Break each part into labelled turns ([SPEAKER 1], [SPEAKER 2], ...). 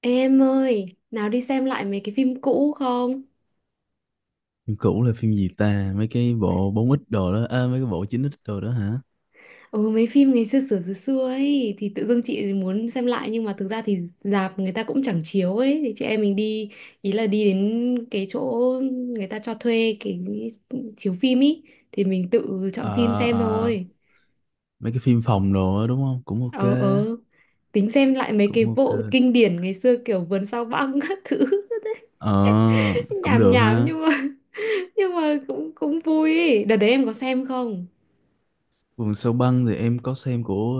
[SPEAKER 1] Ê em ơi, nào đi xem lại mấy cái phim cũ không?
[SPEAKER 2] Phim cũ là phim gì ta? Mấy cái bộ bốn x đồ đó, à, mấy cái bộ chín x đồ đó hả?
[SPEAKER 1] Ừ mấy phim ngày xưa xưa xưa xưa ấy thì tự dưng chị muốn xem lại, nhưng mà thực ra thì rạp người ta cũng chẳng chiếu ấy thì chị em mình đi, ý là đi đến cái chỗ người ta cho thuê cái chiếu phim ý, thì mình tự chọn phim
[SPEAKER 2] Ờ,
[SPEAKER 1] xem
[SPEAKER 2] ờ,
[SPEAKER 1] thôi.
[SPEAKER 2] mấy cái phim phòng đồ đó đúng không? Cũng ok,
[SPEAKER 1] Ờ, ờ, tính xem lại mấy cái
[SPEAKER 2] cũng
[SPEAKER 1] bộ
[SPEAKER 2] ok.
[SPEAKER 1] kinh điển ngày xưa kiểu Vườn Sao Băng các thứ.
[SPEAKER 2] Ờ, cũng
[SPEAKER 1] Nhảm
[SPEAKER 2] được
[SPEAKER 1] nhảm
[SPEAKER 2] ha.
[SPEAKER 1] nhưng mà cũng cũng vui ấy. Đợt đấy em có xem không?
[SPEAKER 2] Vườn sâu băng thì em có xem của,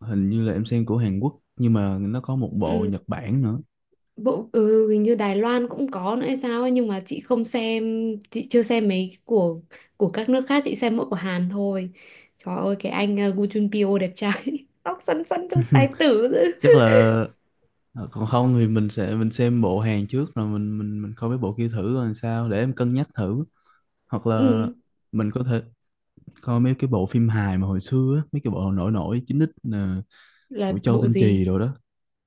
[SPEAKER 2] ờ, hình như là em xem của Hàn Quốc, nhưng mà nó có một bộ
[SPEAKER 1] Ừ.
[SPEAKER 2] Nhật Bản nữa.
[SPEAKER 1] Bộ hình như Đài Loan cũng có nữa hay sao ấy, nhưng mà chị không xem, chị chưa xem mấy của các nước khác, chị xem mỗi của Hàn thôi. Trời ơi cái anh Gu Junpyo đẹp trai. Tóc xoăn xoăn trông tài tử.
[SPEAKER 2] Chắc là, ờ, còn không thì mình sẽ xem bộ Hàn trước rồi mình coi mấy bộ kia thử rồi sao để em cân nhắc thử. Hoặc là
[SPEAKER 1] ừ,
[SPEAKER 2] mình có thể coi mấy cái bộ phim hài mà hồi xưa á, mấy cái bộ nổi nổi chín x nè,
[SPEAKER 1] là
[SPEAKER 2] của Châu
[SPEAKER 1] bộ
[SPEAKER 2] Tinh Trì
[SPEAKER 1] gì?
[SPEAKER 2] rồi đó.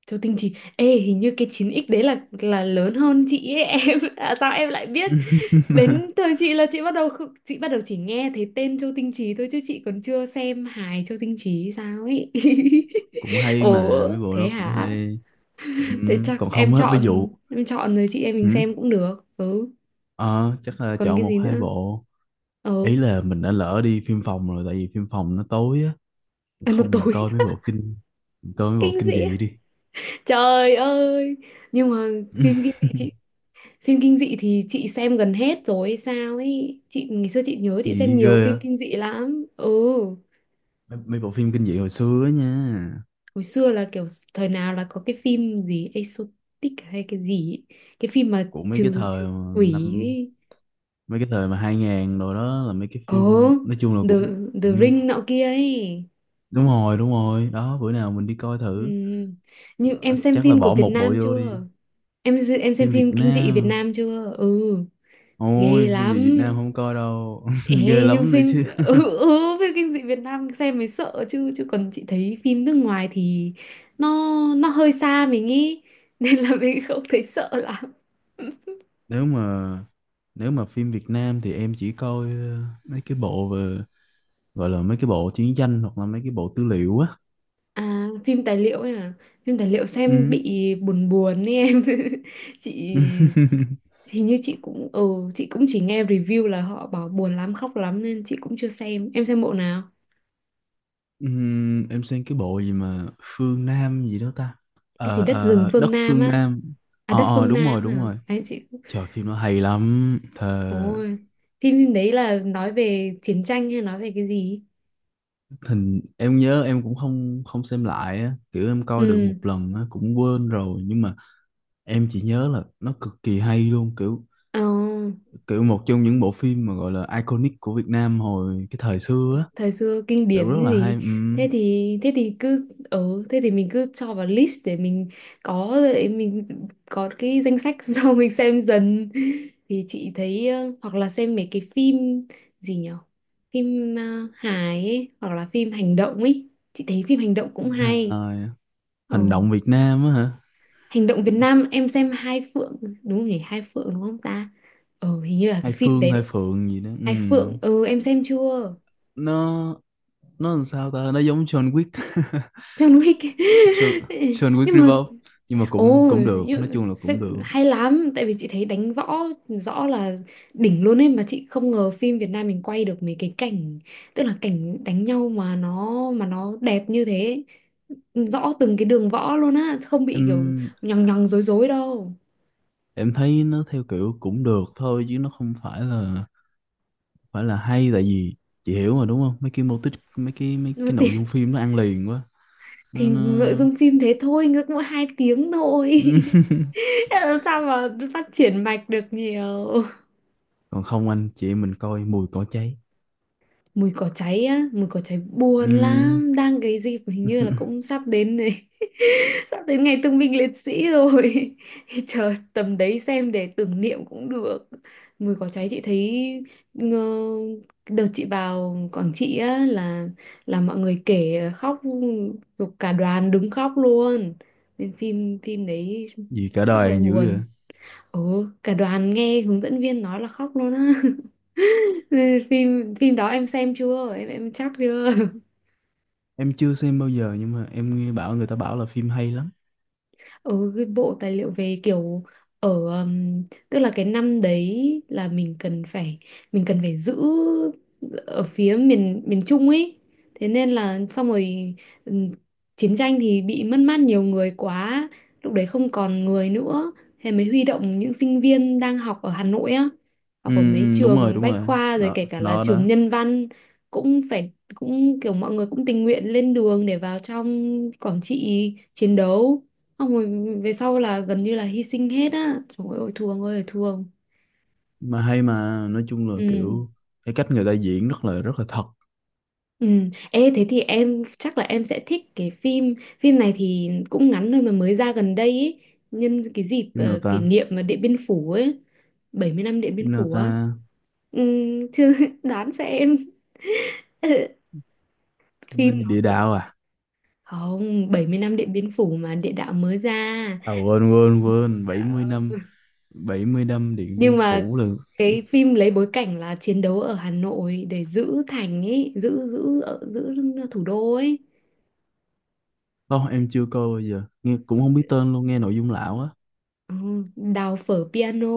[SPEAKER 1] Châu Tinh Trì, ê hình như cái 9X đấy là lớn hơn chị ấy. Em à, sao em lại biết? Đến thời chị là chị bắt đầu không- chị bắt đầu chỉ nghe thấy tên Châu Tinh Trì thôi, chứ chị còn chưa xem hài Châu Tinh Trì hay sao ấy.
[SPEAKER 2] Cũng hay
[SPEAKER 1] Ồ,
[SPEAKER 2] mà mấy bộ
[SPEAKER 1] thế
[SPEAKER 2] đó cũng
[SPEAKER 1] hả?
[SPEAKER 2] hay.
[SPEAKER 1] Thế chắc
[SPEAKER 2] Còn
[SPEAKER 1] em
[SPEAKER 2] không á, ví
[SPEAKER 1] chọn
[SPEAKER 2] dụ
[SPEAKER 1] em chọn rồi, chị em mình
[SPEAKER 2] ừm,
[SPEAKER 1] xem cũng được. Ừ,
[SPEAKER 2] ờ, chắc là
[SPEAKER 1] còn
[SPEAKER 2] chọn
[SPEAKER 1] cái
[SPEAKER 2] một
[SPEAKER 1] gì
[SPEAKER 2] hai
[SPEAKER 1] nữa?
[SPEAKER 2] bộ. Ý
[SPEAKER 1] Ừ,
[SPEAKER 2] là mình đã lỡ đi phim phòng rồi tại vì phim phòng nó tối á,
[SPEAKER 1] à, nó
[SPEAKER 2] không
[SPEAKER 1] tối.
[SPEAKER 2] mình coi mấy bộ
[SPEAKER 1] Kinh
[SPEAKER 2] kinh
[SPEAKER 1] dị.
[SPEAKER 2] dị đi.
[SPEAKER 1] Trời ơi. Nhưng mà phim kinh dị chị phim kinh dị thì chị xem gần hết rồi hay sao ấy. Chị ngày xưa chị nhớ chị xem
[SPEAKER 2] Dị ghê
[SPEAKER 1] nhiều
[SPEAKER 2] á.
[SPEAKER 1] phim kinh dị lắm. Ừ.
[SPEAKER 2] Mấy bộ phim kinh dị hồi xưa á nha.
[SPEAKER 1] Hồi xưa là kiểu thời nào là có cái phim gì exotic hay cái gì ấy. Cái phim mà
[SPEAKER 2] Của mấy cái
[SPEAKER 1] trừ trừ
[SPEAKER 2] thời mà
[SPEAKER 1] quỷ
[SPEAKER 2] năm
[SPEAKER 1] ấy.
[SPEAKER 2] mấy cái thời mà 2000 rồi đó, là mấy cái
[SPEAKER 1] Ồ,
[SPEAKER 2] phim nói chung là
[SPEAKER 1] The
[SPEAKER 2] cũng
[SPEAKER 1] The Ring nọ kia ấy.
[SPEAKER 2] đúng rồi, đúng rồi đó, bữa nào mình đi coi
[SPEAKER 1] Ừ.
[SPEAKER 2] thử.
[SPEAKER 1] Như
[SPEAKER 2] Ờ,
[SPEAKER 1] em xem
[SPEAKER 2] chắc là
[SPEAKER 1] phim của
[SPEAKER 2] bỏ
[SPEAKER 1] Việt
[SPEAKER 2] một bộ
[SPEAKER 1] Nam
[SPEAKER 2] vô đi.
[SPEAKER 1] chưa? Em xem
[SPEAKER 2] Phim Việt
[SPEAKER 1] phim kinh dị Việt
[SPEAKER 2] Nam,
[SPEAKER 1] Nam chưa? Ừ, ghê
[SPEAKER 2] ôi phim về
[SPEAKER 1] lắm.
[SPEAKER 2] Việt Nam không coi đâu, ghê
[SPEAKER 1] Ê, nhưng
[SPEAKER 2] lắm nữa chứ.
[SPEAKER 1] phim kinh dị Việt Nam xem mới sợ chứ chứ còn chị thấy phim nước ngoài thì nó nó hơi xa mình ý, nên là mình không thấy sợ lắm.
[SPEAKER 2] Nếu mà nếu mà phim Việt Nam thì em chỉ coi mấy cái bộ về gọi là mấy cái bộ chiến tranh, hoặc là mấy cái bộ tư liệu á.
[SPEAKER 1] À, phim tài liệu ấy à? Phim tài liệu xem
[SPEAKER 2] Ừ.
[SPEAKER 1] bị buồn buồn ấy em. Chị hình như chị cũng chỉ nghe review là họ bảo buồn lắm, khóc lắm nên chị cũng chưa xem. Em xem bộ nào?
[SPEAKER 2] Em xem cái bộ gì mà Phương Nam gì đó ta.
[SPEAKER 1] Cái gì đất rừng phương
[SPEAKER 2] Đất
[SPEAKER 1] Nam
[SPEAKER 2] Phương
[SPEAKER 1] á?
[SPEAKER 2] Nam.
[SPEAKER 1] À
[SPEAKER 2] Ờ,
[SPEAKER 1] đất
[SPEAKER 2] ờ,
[SPEAKER 1] phương
[SPEAKER 2] đúng rồi
[SPEAKER 1] Nam
[SPEAKER 2] đúng
[SPEAKER 1] à?
[SPEAKER 2] rồi,
[SPEAKER 1] Đấy chị.
[SPEAKER 2] trời phim nó hay lắm thề.
[SPEAKER 1] Ôi, phim phim đấy là nói về chiến tranh hay nói về cái gì?
[SPEAKER 2] Hình em nhớ em cũng không không xem lại á, kiểu em coi được
[SPEAKER 1] Ừ.
[SPEAKER 2] một lần á cũng quên rồi, nhưng mà em chỉ nhớ là nó cực kỳ hay luôn, kiểu
[SPEAKER 1] Ờ,
[SPEAKER 2] kiểu một trong những bộ phim mà gọi là iconic của Việt Nam hồi cái thời xưa á,
[SPEAKER 1] thời xưa kinh
[SPEAKER 2] kiểu
[SPEAKER 1] điển
[SPEAKER 2] rất
[SPEAKER 1] cái
[SPEAKER 2] là hay.
[SPEAKER 1] gì, thế thì cứ thế thì mình cứ cho vào list để mình có, cái danh sách. Sau mình xem dần thì chị thấy hoặc là xem mấy cái phim gì nhở, phim hài ấy, hoặc là phim hành động ấy, chị thấy phim hành động cũng hay.
[SPEAKER 2] Hài.
[SPEAKER 1] Ừ.
[SPEAKER 2] Hành động Việt Nam á hả.
[SPEAKER 1] Hành động Việt Nam em xem Hai Phượng, đúng không nhỉ? Hai Phượng đúng không ta? Ừ hình như là cái
[SPEAKER 2] Hai
[SPEAKER 1] phim
[SPEAKER 2] Phương,
[SPEAKER 1] đấy
[SPEAKER 2] hai
[SPEAKER 1] đấy.
[SPEAKER 2] Phượng gì đó.
[SPEAKER 1] Hai
[SPEAKER 2] Ừm.
[SPEAKER 1] Phượng, ừ em xem chưa?
[SPEAKER 2] nó nó làm sao ta, nó giống John Wick.
[SPEAKER 1] John Wick.
[SPEAKER 2] John, John Wick
[SPEAKER 1] Nhưng mà.
[SPEAKER 2] Revolve, nhưng mà cũng
[SPEAKER 1] Ồ,
[SPEAKER 2] cũng được, nói chung là cũng được.
[SPEAKER 1] hay lắm. Tại vì chị thấy đánh võ rõ là đỉnh luôn ấy. Mà chị không ngờ phim Việt Nam mình quay được mấy cái cảnh, tức là cảnh đánh nhau mà nó đẹp như thế. Rõ từng cái đường võ luôn á, không bị kiểu
[SPEAKER 2] em
[SPEAKER 1] nhằng nhằng dối dối đâu.
[SPEAKER 2] em thấy nó theo kiểu cũng được thôi chứ nó không phải là hay, tại vì chị hiểu mà đúng không, mấy cái mô típ mấy
[SPEAKER 1] Nhưng mà
[SPEAKER 2] cái
[SPEAKER 1] thì,
[SPEAKER 2] nội dung phim nó ăn liền quá. nó
[SPEAKER 1] thì
[SPEAKER 2] nó
[SPEAKER 1] nội dung phim thế thôi, ngược mỗi 2 tiếng thôi. Làm sao mà phát triển mạch được nhiều.
[SPEAKER 2] còn không anh chị em mình coi mùi cỏ cháy.
[SPEAKER 1] Mùi cỏ cháy á, mùi cỏ cháy buồn
[SPEAKER 2] Ừm,
[SPEAKER 1] lắm, đang cái dịp hình như là cũng sắp đến này. Sắp đến ngày thương binh liệt sĩ rồi. Chờ tầm đấy xem để tưởng niệm cũng được. Mùi cỏ cháy chị thấy, ngờ, đợt chị vào Quảng Trị á, là mọi người kể là khóc, cả đoàn đứng khóc luôn, nên phim phim đấy
[SPEAKER 2] gì cả
[SPEAKER 1] chắc
[SPEAKER 2] đời
[SPEAKER 1] là
[SPEAKER 2] còn dữ
[SPEAKER 1] buồn.
[SPEAKER 2] vậy.
[SPEAKER 1] Ồ, cả đoàn nghe hướng dẫn viên nói là khóc luôn á. Phim phim đó em xem chưa? Em chắc chưa?
[SPEAKER 2] Em chưa xem bao giờ nhưng mà em nghe bảo người ta bảo là phim hay lắm.
[SPEAKER 1] Ừ, cái bộ tài liệu về kiểu ở, um, tức là cái năm đấy là mình cần phải giữ ở phía miền miền Trung ấy, thế nên là xong rồi. ừm, Chiến tranh thì bị mất mát nhiều người quá, lúc đấy không còn người nữa, thế mới huy động những sinh viên đang học ở Hà Nội á, học ở mấy
[SPEAKER 2] Ừm,
[SPEAKER 1] trường
[SPEAKER 2] đúng
[SPEAKER 1] Bách
[SPEAKER 2] rồi
[SPEAKER 1] Khoa rồi
[SPEAKER 2] nó
[SPEAKER 1] kể cả là
[SPEAKER 2] nó
[SPEAKER 1] trường
[SPEAKER 2] đó.
[SPEAKER 1] Nhân Văn, cũng phải cũng kiểu mọi người cũng tình nguyện lên đường để vào trong Quảng Trị chiến đấu. Xong rồi về sau là gần như là hy sinh hết á. Trời ơi, thương ơi là thương.
[SPEAKER 2] Mà hay, mà nói chung là
[SPEAKER 1] Ừ.
[SPEAKER 2] kiểu cái cách người ta diễn rất là thật.
[SPEAKER 1] Ừ. Ê, thế thì em chắc là em sẽ thích cái phim phim này, thì cũng ngắn thôi mà mới ra gần đây ý. Nhân cái dịp
[SPEAKER 2] Phim nào
[SPEAKER 1] kỷ
[SPEAKER 2] ta,
[SPEAKER 1] niệm mà Điện Biên Phủ ấy, 70 năm Điện
[SPEAKER 2] phim
[SPEAKER 1] Biên
[SPEAKER 2] nào
[SPEAKER 1] Phủ á.
[SPEAKER 2] ta?
[SPEAKER 1] Ừ, chứ đoán xem.
[SPEAKER 2] Phim tên
[SPEAKER 1] Phim,
[SPEAKER 2] gì? Địa Đạo à.
[SPEAKER 1] không, 70 năm Điện Biên Phủ mà địa đạo mới ra,
[SPEAKER 2] À, quên quên quên, 70 năm, 70 năm Điện Biên
[SPEAKER 1] nhưng mà
[SPEAKER 2] Phủ là.
[SPEAKER 1] cái phim lấy bối cảnh là chiến đấu ở Hà Nội để giữ thành ấy, giữ giữ ở- giữ thủ đô ấy.
[SPEAKER 2] Không em chưa coi bao giờ, nghe cũng không biết tên luôn, nghe nội dung lão á.
[SPEAKER 1] Ừ, đào phở piano,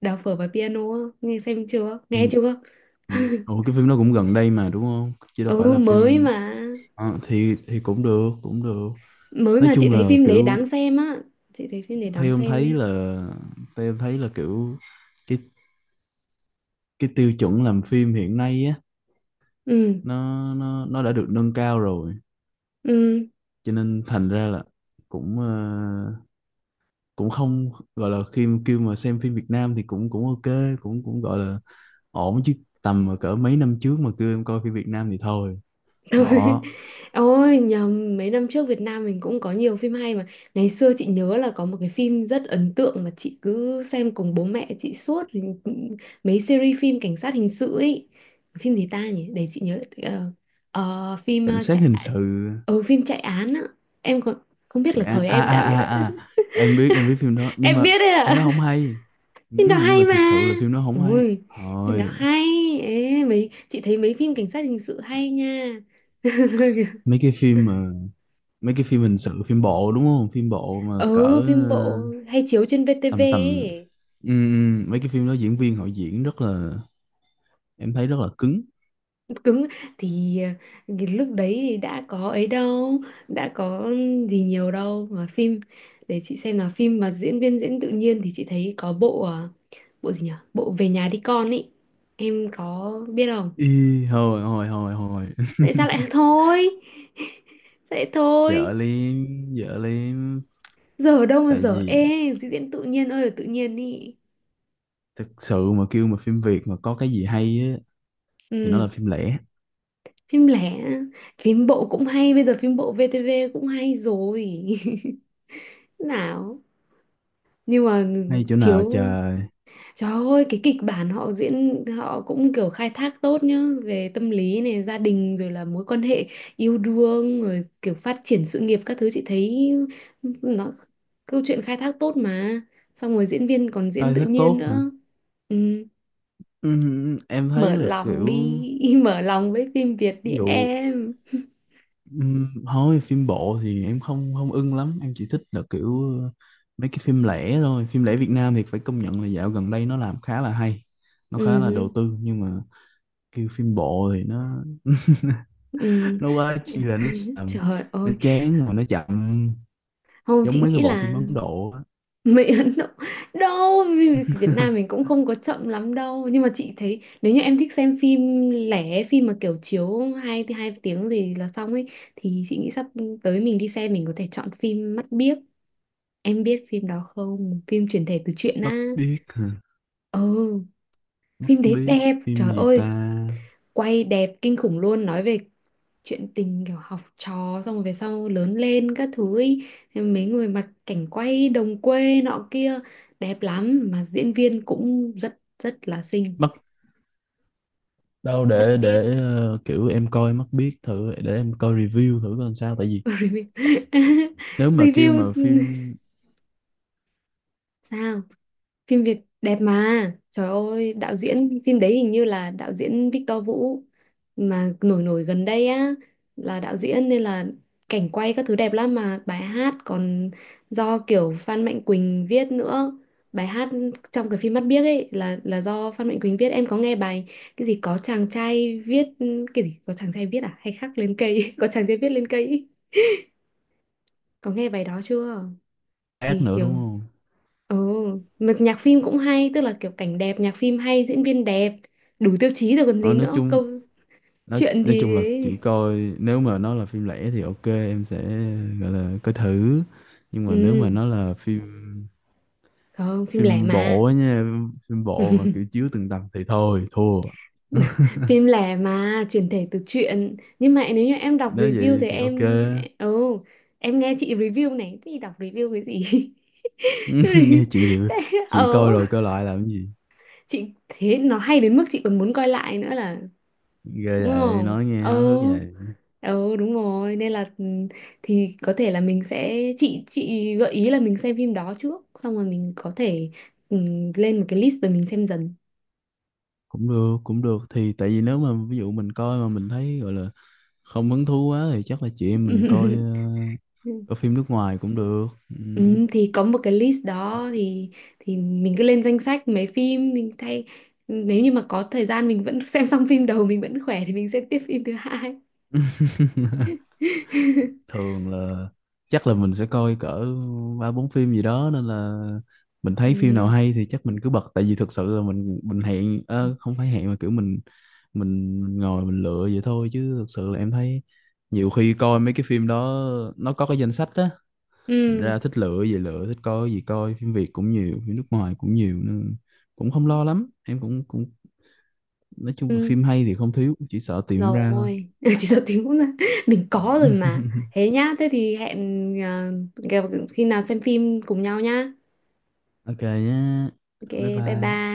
[SPEAKER 1] đào phở và piano á, nghe xem chưa,
[SPEAKER 2] Ừ,
[SPEAKER 1] nghe chưa?
[SPEAKER 2] ừ. Ủa cái phim nó cũng gần đây mà đúng không, chứ đâu phải
[SPEAKER 1] Ừ
[SPEAKER 2] là
[SPEAKER 1] mới
[SPEAKER 2] phim.
[SPEAKER 1] mà,
[SPEAKER 2] Ờ, thì cũng được, cũng được, nói
[SPEAKER 1] chị
[SPEAKER 2] chung
[SPEAKER 1] thấy
[SPEAKER 2] là
[SPEAKER 1] phim đấy đáng
[SPEAKER 2] kiểu
[SPEAKER 1] xem á, chị thấy phim đấy đáng
[SPEAKER 2] theo em
[SPEAKER 1] xem nhá.
[SPEAKER 2] thấy là theo em thấy là kiểu cái cái tiêu chuẩn làm phim hiện nay á,
[SPEAKER 1] Ừ.
[SPEAKER 2] nó đã được nâng cao rồi,
[SPEAKER 1] Ừ.
[SPEAKER 2] cho nên thành ra là cũng cũng không gọi là, khi kêu mà xem phim Việt Nam thì cũng cũng ok, cũng cũng gọi là ổn chứ, tầm mà cỡ mấy năm trước mà kêu em coi phim Việt Nam thì thôi,
[SPEAKER 1] Thôi,
[SPEAKER 2] bỏ.
[SPEAKER 1] ôi nhầm, mấy năm trước Việt Nam mình cũng có nhiều phim hay mà. Ngày xưa chị nhớ là có một cái phim rất ấn tượng mà chị cứ xem cùng bố mẹ chị suốt, mấy series phim cảnh sát hình sự ấy. Phim gì ta nhỉ, để chị nhớ lại, phim
[SPEAKER 2] Cảnh sát
[SPEAKER 1] chạy,
[SPEAKER 2] hình sự.
[SPEAKER 1] phim chạy án á. Em còn không biết
[SPEAKER 2] Dạ,
[SPEAKER 1] là thời
[SPEAKER 2] à
[SPEAKER 1] em
[SPEAKER 2] à
[SPEAKER 1] đã biết.
[SPEAKER 2] à à, em biết, em biết phim đó nhưng
[SPEAKER 1] Em
[SPEAKER 2] mà
[SPEAKER 1] biết đấy
[SPEAKER 2] phim đó
[SPEAKER 1] ạ,
[SPEAKER 2] không hay. Ừ,
[SPEAKER 1] phim đó
[SPEAKER 2] nhưng
[SPEAKER 1] hay
[SPEAKER 2] mà thiệt
[SPEAKER 1] mà.
[SPEAKER 2] sự là phim đó không hay,
[SPEAKER 1] Ôi phim đó
[SPEAKER 2] thôi.
[SPEAKER 1] hay. Ê, mấy chị thấy mấy phim cảnh sát hình sự hay nha.
[SPEAKER 2] Mấy cái phim mà, mấy cái phim hình sự phim bộ đúng không, phim bộ mà cỡ
[SPEAKER 1] Ừ, phim bộ hay chiếu trên
[SPEAKER 2] tầm
[SPEAKER 1] VTV
[SPEAKER 2] tầm.
[SPEAKER 1] ấy.
[SPEAKER 2] Ừ, ừ, mấy cái phim đó diễn viên họ diễn rất là, em thấy rất là cứng.
[SPEAKER 1] Cứng thì ờ, cái lúc đấy thì đã có gì nhiều đâu mà phim để chị xem là phim mà diễn viên diễn tự nhiên, thì chị thấy có bộ gì nhỉ? Bộ Về nhà đi con ấy. Em có biết không?
[SPEAKER 2] Ý, hồi hồi hồi hồi
[SPEAKER 1] Tại sao lại thôi? Vậy thôi.
[SPEAKER 2] dở liếm, dở liếm,
[SPEAKER 1] Giờ ở đâu mà
[SPEAKER 2] tại
[SPEAKER 1] giờ
[SPEAKER 2] vì
[SPEAKER 1] ê, diễn tự nhiên ơi là tự nhiên ý.
[SPEAKER 2] thực sự mà kêu mà phim Việt mà có cái gì hay á thì nó
[SPEAKER 1] Ừ,
[SPEAKER 2] là phim lẻ.
[SPEAKER 1] phim lẻ, phim bộ cũng hay, bây giờ phim bộ VTV cũng hay rồi. Nào nhưng mà
[SPEAKER 2] Hay chỗ nào
[SPEAKER 1] chiếu,
[SPEAKER 2] trời.
[SPEAKER 1] trời ơi cái kịch bản họ diễn họ cũng kiểu khai thác tốt nhá, về tâm lý này gia đình rồi là mối quan hệ yêu đương rồi kiểu phát triển sự nghiệp các thứ, chị thấy nó câu chuyện khai thác tốt mà, xong rồi diễn viên còn diễn
[SPEAKER 2] Khai
[SPEAKER 1] tự
[SPEAKER 2] thác
[SPEAKER 1] nhiên
[SPEAKER 2] tốt
[SPEAKER 1] nữa.
[SPEAKER 2] hả.
[SPEAKER 1] Ừ.
[SPEAKER 2] Em thấy
[SPEAKER 1] Mở
[SPEAKER 2] là
[SPEAKER 1] lòng
[SPEAKER 2] kiểu
[SPEAKER 1] đi, mở lòng với phim Việt
[SPEAKER 2] ví
[SPEAKER 1] đi
[SPEAKER 2] dụ
[SPEAKER 1] em.
[SPEAKER 2] thôi phim bộ thì em không không ưng lắm, em chỉ thích là kiểu mấy cái phim lẻ thôi, phim lẻ Việt Nam thì phải công nhận là dạo gần đây nó làm khá là hay, nó khá là
[SPEAKER 1] Ừ.
[SPEAKER 2] đầu tư. Nhưng mà kêu phim bộ thì nó
[SPEAKER 1] Ừ.
[SPEAKER 2] nó quá chi là nó xàm,
[SPEAKER 1] Trời
[SPEAKER 2] nó
[SPEAKER 1] ơi,
[SPEAKER 2] chán mà nó chậm,
[SPEAKER 1] không
[SPEAKER 2] giống
[SPEAKER 1] chị
[SPEAKER 2] mấy
[SPEAKER 1] nghĩ
[SPEAKER 2] cái bộ phim
[SPEAKER 1] là,
[SPEAKER 2] Ấn Độ á.
[SPEAKER 1] Mỹ Ấn Độ đâu vì Việt Nam mình cũng không có chậm lắm đâu, nhưng mà chị thấy nếu như em thích xem phim mà kiểu chiếu hai hai tiếng gì là xong ấy, thì chị nghĩ sắp tới mình đi xem mình có thể chọn phim Mắt Biếc, em biết phim đó không, phim chuyển thể từ truyện
[SPEAKER 2] Mắt
[SPEAKER 1] á.
[SPEAKER 2] biếc hả?
[SPEAKER 1] Ừ,
[SPEAKER 2] Mắt
[SPEAKER 1] phim đấy
[SPEAKER 2] biếc,
[SPEAKER 1] đẹp,
[SPEAKER 2] phim
[SPEAKER 1] trời
[SPEAKER 2] gì ta.
[SPEAKER 1] ơi quay đẹp kinh khủng luôn, nói về chuyện tình kiểu học trò xong rồi về sau lớn lên các thứ ý. Thế mấy người mà cảnh quay đồng quê nọ kia đẹp lắm, mà diễn viên cũng rất rất là xinh.
[SPEAKER 2] Mắt đâu,
[SPEAKER 1] Mắt
[SPEAKER 2] để
[SPEAKER 1] biếc.
[SPEAKER 2] để kiểu em coi Mắt biết thử để em coi review thử coi sao, tại vì
[SPEAKER 1] Review.
[SPEAKER 2] nếu mà kêu mà
[SPEAKER 1] Review
[SPEAKER 2] phim
[SPEAKER 1] sao, phim Việt đẹp mà, trời ơi đạo diễn phim đấy hình như là đạo diễn Victor Vũ mà nổi nổi gần đây á, là đạo diễn nên là cảnh quay các thứ đẹp lắm, mà bài hát còn do kiểu Phan Mạnh Quỳnh viết nữa, bài hát trong cái phim Mắt Biếc ấy là do Phan Mạnh Quỳnh viết. Em có nghe bài cái gì có chàng trai viết, cái gì có chàng trai viết, à hay khắc lên cây, có chàng trai viết lên cây ý. Có nghe bài đó chưa?
[SPEAKER 2] ác
[SPEAKER 1] Thì
[SPEAKER 2] nữa đúng
[SPEAKER 1] kiểu.
[SPEAKER 2] không.
[SPEAKER 1] Ừ, mà nhạc phim cũng hay, tức là kiểu cảnh đẹp, nhạc phim hay, diễn viên đẹp, đủ tiêu chí rồi còn gì
[SPEAKER 2] Ờ, nói
[SPEAKER 1] nữa,
[SPEAKER 2] chung
[SPEAKER 1] câu
[SPEAKER 2] nói
[SPEAKER 1] chuyện
[SPEAKER 2] nói
[SPEAKER 1] thì
[SPEAKER 2] chung là chỉ
[SPEAKER 1] đấy.
[SPEAKER 2] coi, nếu mà nó là phim lẻ thì ok em sẽ gọi là coi thử, nhưng mà nếu mà
[SPEAKER 1] Ừ,
[SPEAKER 2] nó là phim
[SPEAKER 1] không, phim lẻ
[SPEAKER 2] phim bộ
[SPEAKER 1] mà.
[SPEAKER 2] á nha, phim bộ mà kiểu chiếu từng tập thì thôi thua.
[SPEAKER 1] Phim lẻ mà, chuyển thể từ truyện. Nhưng mà nếu như em đọc
[SPEAKER 2] Nếu
[SPEAKER 1] review
[SPEAKER 2] vậy
[SPEAKER 1] thì
[SPEAKER 2] thì ok.
[SPEAKER 1] ừ, em nghe chị review này, thì đọc review cái gì?
[SPEAKER 2] Nghe chị rồi,
[SPEAKER 1] Thế,
[SPEAKER 2] chị coi rồi coi lại làm cái gì.
[SPEAKER 1] chị thế nó hay đến mức chị còn muốn coi lại nữa là đúng
[SPEAKER 2] Ghê vậy,
[SPEAKER 1] không?
[SPEAKER 2] nói nghe
[SPEAKER 1] Ừ.
[SPEAKER 2] háo hức vậy.
[SPEAKER 1] Ừ đúng rồi nên là thì có thể là mình sẽ, chị gợi ý là mình xem phim đó trước xong rồi mình có thể, ừ, lên một cái list rồi mình xem dần.
[SPEAKER 2] Cũng được, cũng được, thì tại vì nếu mà ví dụ mình coi mà mình thấy gọi là không hứng thú quá thì chắc là chị em mình coi
[SPEAKER 1] Ừ,
[SPEAKER 2] coi phim nước ngoài cũng được. Ừm.
[SPEAKER 1] ừ, thì có một cái list
[SPEAKER 2] Ờ,
[SPEAKER 1] đó, thì mình cứ lên danh sách mấy phim mình thay, nếu như mà có thời gian mình vẫn xem xong phim đầu mình vẫn khỏe thì mình xem tiếp phim thứ hai.
[SPEAKER 2] thường là chắc là mình sẽ coi cỡ ba bốn phim gì đó, nên là mình thấy phim nào
[SPEAKER 1] Ừ.
[SPEAKER 2] hay thì chắc mình cứ bật, tại vì thực sự là mình hẹn, không phải hẹn mà kiểu mình ngồi mình lựa vậy thôi, chứ thực sự là em thấy nhiều khi coi mấy cái phim đó nó có cái danh sách á, thành
[SPEAKER 1] Ừ.
[SPEAKER 2] ra thích lựa gì lựa, thích coi cái gì coi, phim Việt cũng nhiều, phim nước ngoài cũng nhiều, nên cũng không lo lắm, em cũng cũng nói chung là
[SPEAKER 1] Ừ.
[SPEAKER 2] phim hay thì không thiếu, chỉ sợ tìm ra thôi.
[SPEAKER 1] Rồi, chỉ sợ thiếu là mình có rồi mà. Thế nhá, thế thì hẹn, à, gặp- khi nào xem phim cùng nhau nhá.
[SPEAKER 2] Ok nhé,
[SPEAKER 1] Ok
[SPEAKER 2] bye
[SPEAKER 1] bye
[SPEAKER 2] bye.
[SPEAKER 1] bye.